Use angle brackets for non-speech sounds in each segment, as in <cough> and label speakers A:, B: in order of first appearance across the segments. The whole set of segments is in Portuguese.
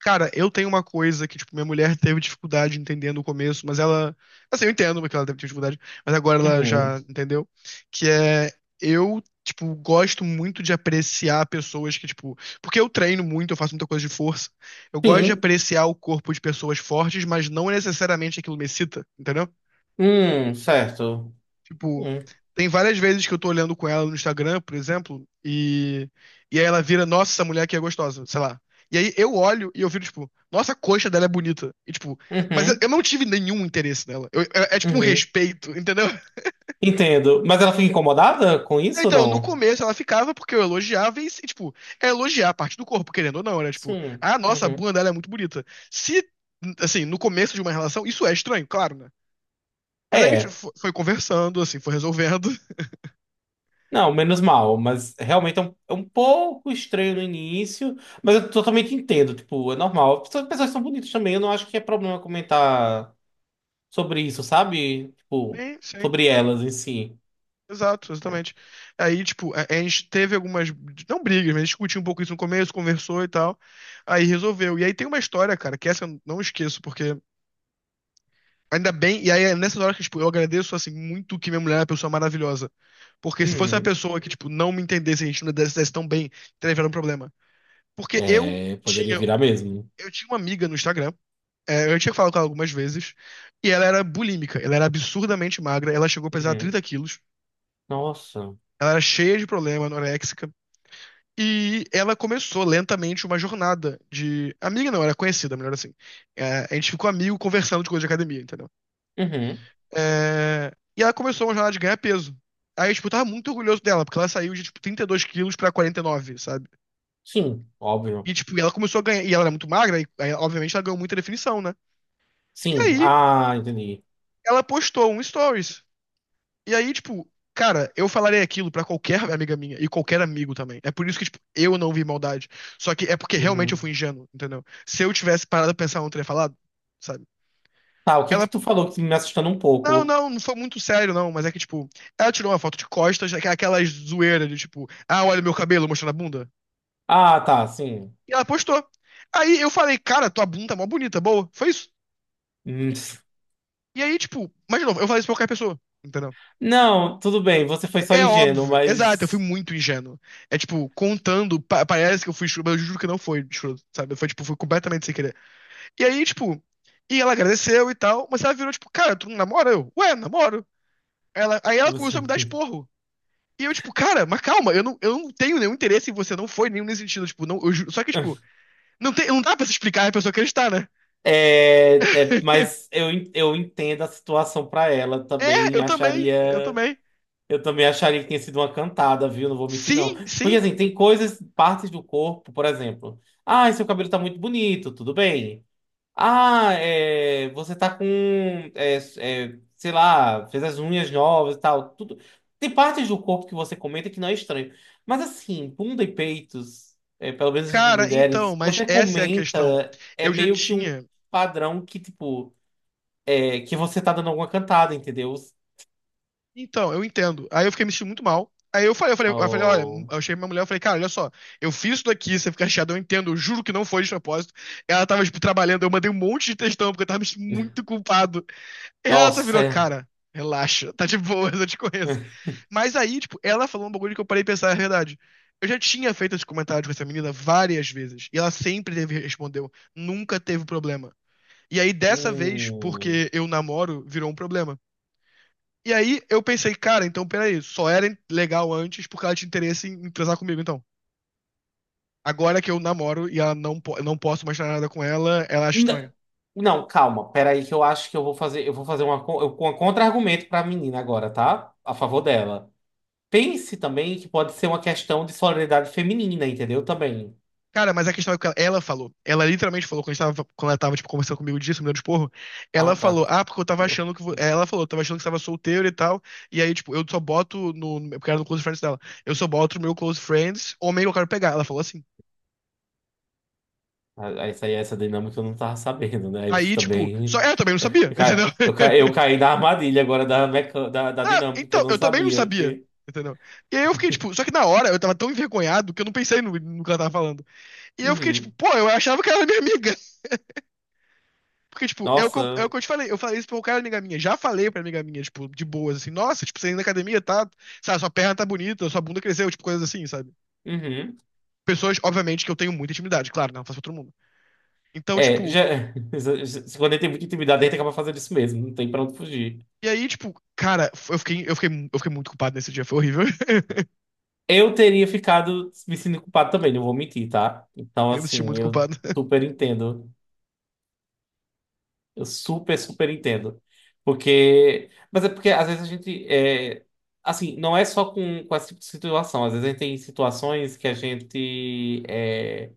A: Cara, eu tenho uma coisa que, tipo, minha mulher teve dificuldade entendendo no começo, mas ela. Assim, eu entendo porque ela teve dificuldade, mas agora ela já
B: Uhum.
A: entendeu. Que é. Eu, tipo, gosto muito de apreciar pessoas que, tipo. Porque eu treino muito, eu faço muita coisa de força. Eu gosto de
B: Sim.
A: apreciar o corpo de pessoas fortes, mas não necessariamente aquilo me excita, entendeu?
B: Certo.
A: Tipo,
B: Hum.
A: tem várias vezes que eu tô olhando com ela no Instagram, por exemplo, e aí ela vira, nossa, essa mulher aqui é gostosa, sei lá. E aí eu olho e eu viro, tipo, nossa, a coxa dela é bonita. E, tipo, mas eu,
B: Uhum.
A: eu não tive nenhum interesse nela. Eu- é, é tipo um
B: Uhum.
A: respeito, <laughs> entendeu?
B: Entendo. Mas ela fica incomodada com isso ou
A: Então, no
B: não?
A: começo ela ficava porque eu elogiava e, tipo, é elogiar a parte do corpo, querendo ou não, era tipo,
B: Sim.
A: ah, nossa, a
B: Uhum.
A: bunda dela é muito bonita. Se, assim, no começo de uma relação, isso é estranho, claro, né? Mas aí tipo,
B: É.
A: foi conversando, assim, foi resolvendo. <laughs>
B: Não, menos mal, mas realmente é um pouco estranho no início, mas eu totalmente entendo, tipo, é normal. Pessoas são bonitas também, eu não acho que é problema comentar sobre isso, sabe? Tipo,
A: Sim, sim.
B: sobre elas em si.
A: Exato, exatamente. Aí, tipo, a gente teve algumas, não brigas, mas discutiu um pouco isso no começo, conversou e tal. Aí resolveu. E aí tem uma história, cara, que essa eu não esqueço, porque ainda bem, e aí é nessas horas que, tipo, eu agradeço, assim, muito que minha mulher é uma pessoa maravilhosa. Porque se fosse uma
B: Uhum.
A: pessoa que, tipo, não me entendesse, a gente não desse tão bem, teria um problema. Porque
B: É, poderia virar mesmo.
A: eu tinha uma amiga no Instagram, é, eu tinha falado com ela algumas vezes, e ela era bulímica, ela era absurdamente magra, ela chegou a pesar
B: Uhum.
A: 30 quilos,
B: Nossa.
A: ela era cheia de problema, anoréxica. E ela começou lentamente uma jornada de. Amiga não, era conhecida, melhor assim. É, a gente ficou amigo conversando de coisa de academia, entendeu?
B: Uhum.
A: É, e ela começou uma jornada de ganhar peso. Aí, tipo, eu tava muito orgulhoso dela, porque ela saiu de, tipo, 32 quilos pra 49, sabe?
B: Sim, óbvio.
A: E, tipo, ela começou a ganhar. E ela era muito magra, e aí, obviamente ela ganhou muita definição, né? E
B: Sim,
A: aí,
B: ah, entendi.
A: ela postou um stories. E aí, tipo, cara, eu falarei aquilo pra qualquer amiga minha e qualquer amigo também. É por isso que, tipo, eu não vi maldade. Só que é porque realmente eu
B: Uhum.
A: fui ingênuo, entendeu? Se eu tivesse parado a pensar, eu não teria falado, sabe?
B: Tá, o que é
A: Ela,
B: que tu falou que me assustando um pouco?
A: não foi muito sério, não, mas é que, tipo, ela tirou uma foto de costas, aquela zoeira de, tipo, ah, olha meu cabelo mostrando a bunda.
B: Ah, tá, sim.
A: E
B: <laughs>
A: ela postou. Aí eu falei, cara, tua bunda tá mó bonita, boa. Foi isso.
B: Hum.
A: E aí, tipo, mas de novo, eu falei isso pra qualquer pessoa, entendeu?
B: Não, tudo bem, você foi só
A: É
B: ingênuo,
A: óbvio. Exato, eu fui
B: mas.
A: muito ingênuo. É tipo, contando, parece que eu fui escroto, mas eu juro que não foi escroto, sabe? Foi tipo, foi completamente sem querer. E aí, tipo, e ela agradeceu e tal, mas ela virou tipo, cara, tu não namora? Eu, ué, namoro. Ela, aí ela começou a me dar
B: <laughs>
A: esporro. E eu, tipo, cara, mas calma, eu não tenho nenhum interesse em você, não foi nenhum nesse sentido, tipo, não, só que, tipo, não, tem, não dá pra se explicar e a pessoa acreditar, né?
B: Mas eu entendo a situação pra ela
A: É,
B: também
A: eu
B: acharia
A: também.
B: eu também acharia que tinha sido uma cantada, viu? Não vou mentir, não.
A: Sim,
B: Porque
A: sim.
B: assim, tem coisas, partes do corpo, por exemplo. Ah, seu cabelo tá muito bonito, tudo bem. Ah, é, você tá com, sei lá, fez as unhas novas e tal, tudo. Tem partes do corpo que você comenta que não é estranho. Mas assim, bunda e peitos, é, pelo menos de
A: Cara,
B: mulheres,
A: então,
B: se
A: mas
B: você
A: essa é a questão.
B: comenta, é
A: Eu já
B: meio que um
A: tinha.
B: padrão que, tipo, é, que você tá dando alguma cantada, entendeu?
A: Então, eu entendo. Aí eu fiquei me sentindo muito mal. Aí eu falei, eu falei, eu falei, olha,
B: Oh,
A: eu cheguei pra minha mulher, eu falei, cara, olha só, eu fiz isso daqui, você fica chateado, eu entendo, eu juro que não foi de propósito. Ela tava, tipo, trabalhando, eu mandei um monte de textão, porque eu tava me sentindo muito culpado. E ela só virou,
B: nossa.
A: cara, relaxa, tá de boa, eu te conheço. Mas aí, tipo, ela falou um bagulho que eu parei de pensar, é verdade. Eu já tinha feito esse comentário com essa menina várias vezes, e ela sempre teve, respondeu, nunca teve problema. E aí, dessa vez,
B: Hum.
A: porque eu namoro, virou um problema. E aí eu pensei, cara, então peraí, só era legal antes porque ela tinha interesse em, em transar comigo, então. Agora que eu namoro e ela não, eu não posso mais fazer nada com ela, ela acha
B: N-
A: estranho.
B: Não, calma, peraí que eu acho que eu vou fazer, uma, um contra-argumento pra menina agora, tá? A favor dela. Pense também que pode ser uma questão de solidariedade feminina, entendeu? Também.
A: Cara, mas a questão é que ela falou. Ela literalmente falou, quando, a gente tava, quando ela tava, tipo, conversando comigo disso, me dando de porro,
B: Ah,
A: ela
B: tá.
A: falou, ah, porque eu tava achando
B: <laughs>
A: que... Ela falou, eu tava achando que você tava solteiro e tal, e aí, tipo, eu só boto no... porque era no Close Friends dela. Eu só boto no meu Close Friends, homem que eu quero pegar. Ela falou assim.
B: Ah, essa aí, essa dinâmica eu não tava sabendo, né? Aí você
A: Aí, tipo, só
B: também.
A: ela também não
B: <laughs>
A: sabia,
B: Eu
A: <laughs>
B: caí,
A: entendeu?
B: eu ca- eu caí na armadilha agora da
A: Não,
B: dinâmica que eu
A: então,
B: não
A: eu também não
B: sabia.
A: sabia.
B: Porque.
A: Entendeu? E aí eu fiquei, tipo, só que na hora eu tava tão envergonhado que eu não pensei no, no que ela tava falando. E eu fiquei, tipo,
B: Uhum.
A: pô, eu achava que ela era minha amiga. <laughs> Porque, tipo, é o
B: Nossa.
A: que eu te falei. Eu falei isso pra um cara amiga minha. Já falei pra amiga minha, tipo, de boas, assim, nossa, tipo, você indo na academia, tá? Sabe, sua perna tá bonita, sua bunda cresceu, tipo, coisas assim, sabe?
B: Uhum.
A: Pessoas, obviamente, que eu tenho muita intimidade, claro, né, não faço pra todo mundo. Então,
B: É,
A: tipo,
B: já. <laughs> Quando ele tem muita intimidade, ele acaba fazendo isso mesmo, não tem pra onde fugir.
A: e aí, tipo, cara, eu fiquei muito culpado nesse dia, foi horrível. <laughs>
B: Eu teria ficado me sentindo culpado também, não vou mentir, tá? Então,
A: Eu me senti
B: assim,
A: muito
B: eu
A: culpado. <laughs>
B: super entendo. Eu super, super entendo. Porque. Mas é porque às vezes a gente. É. Assim, não é só com esse tipo de situação. Às vezes a gente tem situações que a gente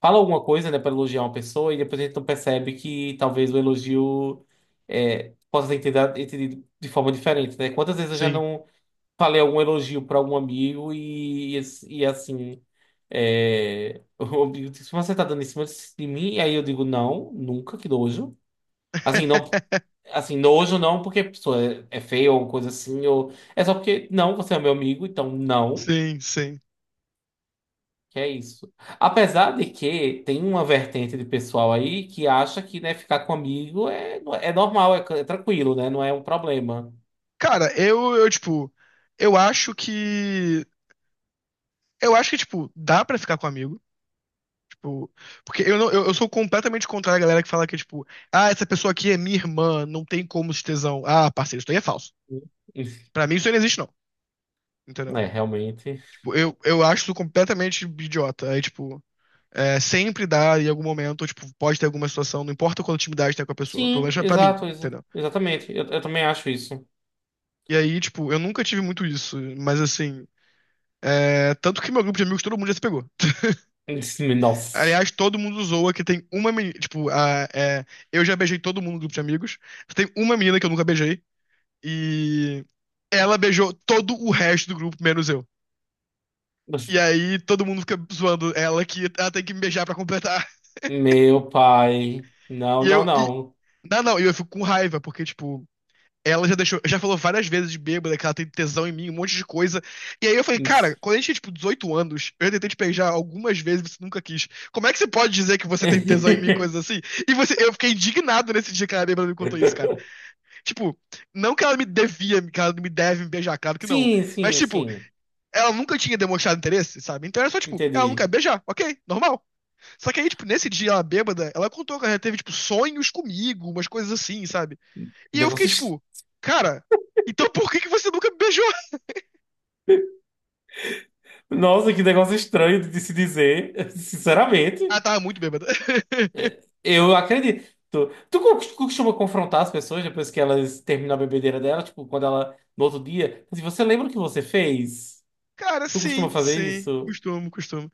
B: fala alguma coisa, né, para elogiar uma pessoa e depois a gente não percebe que talvez o elogio possa ter entendido de forma diferente, né? Quantas vezes eu já
A: Sim.
B: não falei algum elogio para algum amigo e, assim. É, <laughs> o amigo disse, mas você tá dando em cima de mim? E aí eu digo, não, nunca, que nojo. Assim, não.
A: <laughs>
B: Assim, nojo não porque a pessoa é feia ou coisa assim, ou. É só porque, não, você é meu amigo, então não,
A: Sim, sim.
B: que é isso. Apesar de que tem uma vertente de pessoal aí que acha que, né, ficar com amigo é normal, é tranquilo, né, não é um problema.
A: Cara, tipo, eu acho que. Eu acho que, tipo, dá pra ficar com amigo. Tipo, porque eu, não, eu sou completamente contrário à galera que fala que, tipo, ah, essa pessoa aqui é minha irmã, não tem como se tesão. Ah, parceiro, isso daí é falso.
B: <laughs>
A: Pra mim, isso aí não existe, não. Entendeu?
B: É, realmente.
A: Tipo, eu acho isso completamente idiota. Aí, tipo, é, sempre dá em algum momento, tipo, pode ter alguma situação, não importa quanta intimidade tem com a pessoa. Pelo
B: Sim,
A: menos pra mim,
B: exato,
A: entendeu?
B: exatamente. Eu também acho isso.
A: E aí, tipo, eu nunca tive muito isso, mas assim. É, tanto que meu grupo de amigos, todo mundo já se pegou.
B: Nossa.
A: Aliás, todo mundo zoa que tem uma menina. Tipo, a, é, eu já beijei todo mundo no grupo de amigos. Tem uma menina que eu nunca beijei. E ela beijou todo o resto do grupo, menos eu. E aí todo mundo fica zoando ela que ela tem que me beijar pra completar. <laughs>
B: Meu pai. Não,
A: E
B: não,
A: eu. E,
B: não.
A: não, não, e eu fico com raiva, porque, tipo, ela já deixou, já falou várias vezes de bêbada que ela tem tesão em mim, um monte de coisa. E aí eu falei, cara, quando a gente tinha tipo 18 anos, eu tentei te beijar algumas vezes, e você nunca quis. Como é que você pode dizer que você tem tesão em mim,
B: <laughs>
A: coisas assim? E você, eu fiquei indignado nesse dia que a bêbada me contou isso, cara. Tipo, não que ela me devia, que ela me deve me beijar, claro que não.
B: Sim,
A: Mas
B: sim,
A: tipo,
B: sim.
A: ela nunca tinha demonstrado interesse, sabe? Então era só tipo, ela não quer
B: Entendi.
A: beijar, ok, normal. Só que aí, tipo, nesse dia ela bêbada, ela contou que ela teve tipo sonhos comigo, umas coisas assim, sabe?
B: Que
A: E eu fiquei
B: negócio est-
A: tipo, cara, então por que que você nunca me beijou? <laughs>
B: Nossa, que negócio estranho de se dizer. <laughs> Sinceramente,
A: Ah, tava muito bêbada. <laughs>
B: eu acredito. Tu costuma confrontar as pessoas depois que elas terminam a bebedeira dela, tipo, quando ela, no outro dia, se você lembra o que você fez?
A: Cara,
B: Tu costuma
A: sim,
B: fazer
A: sim.
B: isso?
A: Costumo, costumo.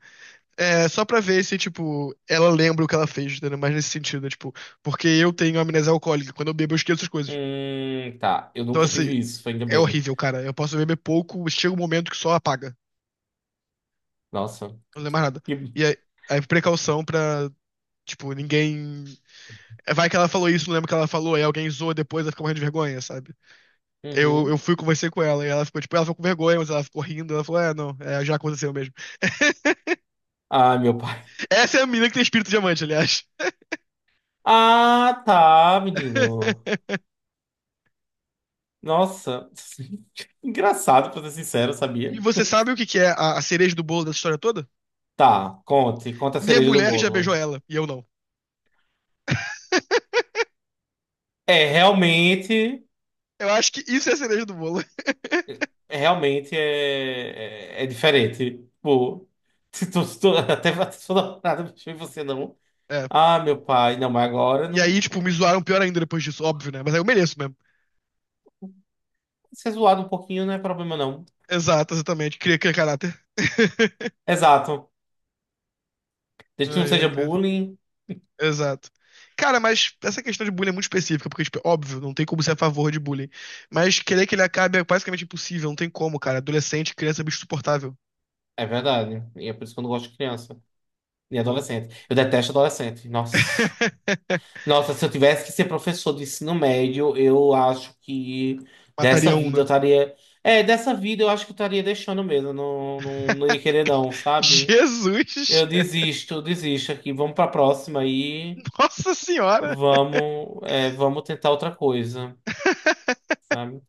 A: É, só pra ver se, tipo, ela lembra o que ela fez, entendeu? Mas nesse sentido, né? Tipo, porque eu tenho amnésia alcoólica. Quando eu bebo, eu esqueço as coisas.
B: Tá. Eu
A: Então,
B: nunca
A: assim,
B: tive isso, ainda
A: é
B: bem.
A: horrível, cara. Eu posso beber pouco, chega um momento que só apaga.
B: Nossa.
A: Não lembro mais nada.
B: Que.
A: E aí, aí precaução pra, tipo, ninguém. É, vai que ela falou isso, não lembro o que ela falou, aí alguém zoa depois, ela fica morrendo de vergonha, sabe? Eu
B: Uhum.
A: fui conversei com ela e ela ficou, tipo, ela ficou com vergonha, mas ela ficou rindo. Ela falou, é, não, é, já aconteceu mesmo.
B: Ah, meu pai. <laughs>
A: Essa é a menina que tem espírito diamante, aliás.
B: Ah, tá, menino.
A: <laughs>
B: Nossa. <laughs> Engraçado, pra ser sincero,
A: E
B: sabia?
A: você sabe o que que é a cereja do bolo dessa história toda?
B: Tá, conte. Conta a
A: Minha
B: cereja do
A: mulher já beijou
B: bolo.
A: ela, e eu não.
B: É, realmente.
A: Eu acho que isso é a cereja do bolo. <laughs>
B: Realmente é, diferente. Tipo, <laughs> se tu, <laughs> até se tu não nada, bicho, e você não.
A: É.
B: Ah, meu pai. Não, mas agora
A: E
B: não.
A: aí, tipo, me
B: É,
A: zoaram pior ainda depois disso, óbvio, né? Mas aí eu mereço mesmo.
B: ser zoado um pouquinho não é problema, não.
A: Exato, exatamente. Cria, cria caráter. <laughs>
B: Exato. Desde que não
A: Ai,
B: seja
A: ai, cara.
B: bullying.
A: Exato. Cara, mas essa questão de bullying é muito específica, porque, tipo, é óbvio, não tem como ser a favor de bullying. Mas querer que ele acabe é basicamente impossível, não tem como, cara. Adolescente, criança, é bicho insuportável.
B: É verdade. E é por isso que eu não gosto de criança. Nem
A: Pô.
B: adolescente. Eu detesto adolescente. Nossa.
A: <laughs>
B: Nossa, se eu tivesse que ser professor de ensino médio, eu acho que dessa
A: Mataria um,
B: vida eu
A: né?
B: estaria. É, dessa vida eu acho que eu estaria deixando mesmo. Eu Não, não, não
A: <laughs>
B: ia querer, não, sabe?
A: Jesus!
B: Eu desisto aqui. Vamos pra próxima aí.
A: Nossa Senhora!
B: Vamos tentar outra coisa,
A: <laughs>
B: sabe?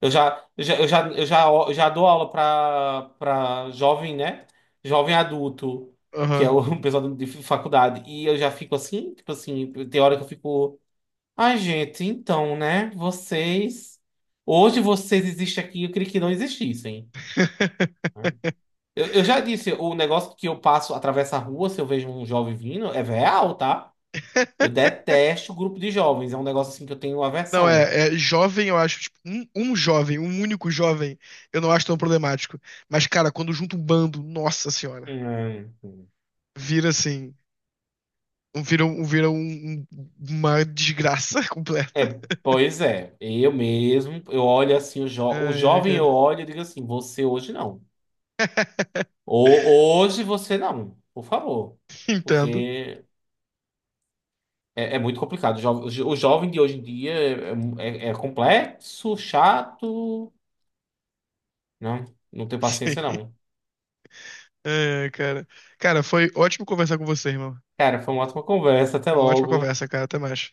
B: Eu já dou aula para jovem, né? Jovem adulto, que é
A: Aham.
B: o <laughs> pessoal de faculdade. E eu já fico assim, tipo assim, tem hora que eu fico. Ai, gente, então, né? Vocês. Hoje vocês existem aqui, eu queria que não existissem. Né?
A: <laughs>
B: Eu já disse, o negócio que eu passo, atravesso a rua, se eu vejo um jovem vindo, é real, tá? Eu detesto o grupo de jovens, é um negócio assim que eu tenho
A: Não,
B: aversão.
A: é, é jovem, eu acho, tipo, um jovem, um único jovem, eu não acho tão problemático. Mas, cara, quando junta um bando, nossa senhora,
B: Hum.
A: vira assim. Vira uma desgraça <laughs>
B: É,
A: completa.
B: pois é, eu mesmo, eu olho assim, o
A: Ai, ai,
B: jovem
A: cara.
B: eu olho e digo assim, você hoje não.
A: <laughs>
B: Hoje você não, por favor.
A: Entendo.
B: Porque é muito complicado. O jovem de hoje em dia é complexo, chato. Não, não tenho paciência,
A: Sim.
B: não.
A: Ai, ai, cara. Cara, foi ótimo conversar com você, irmão.
B: Cara, foi uma ótima conversa. Até
A: Foi uma ótima
B: logo.
A: conversa, cara. Até mais.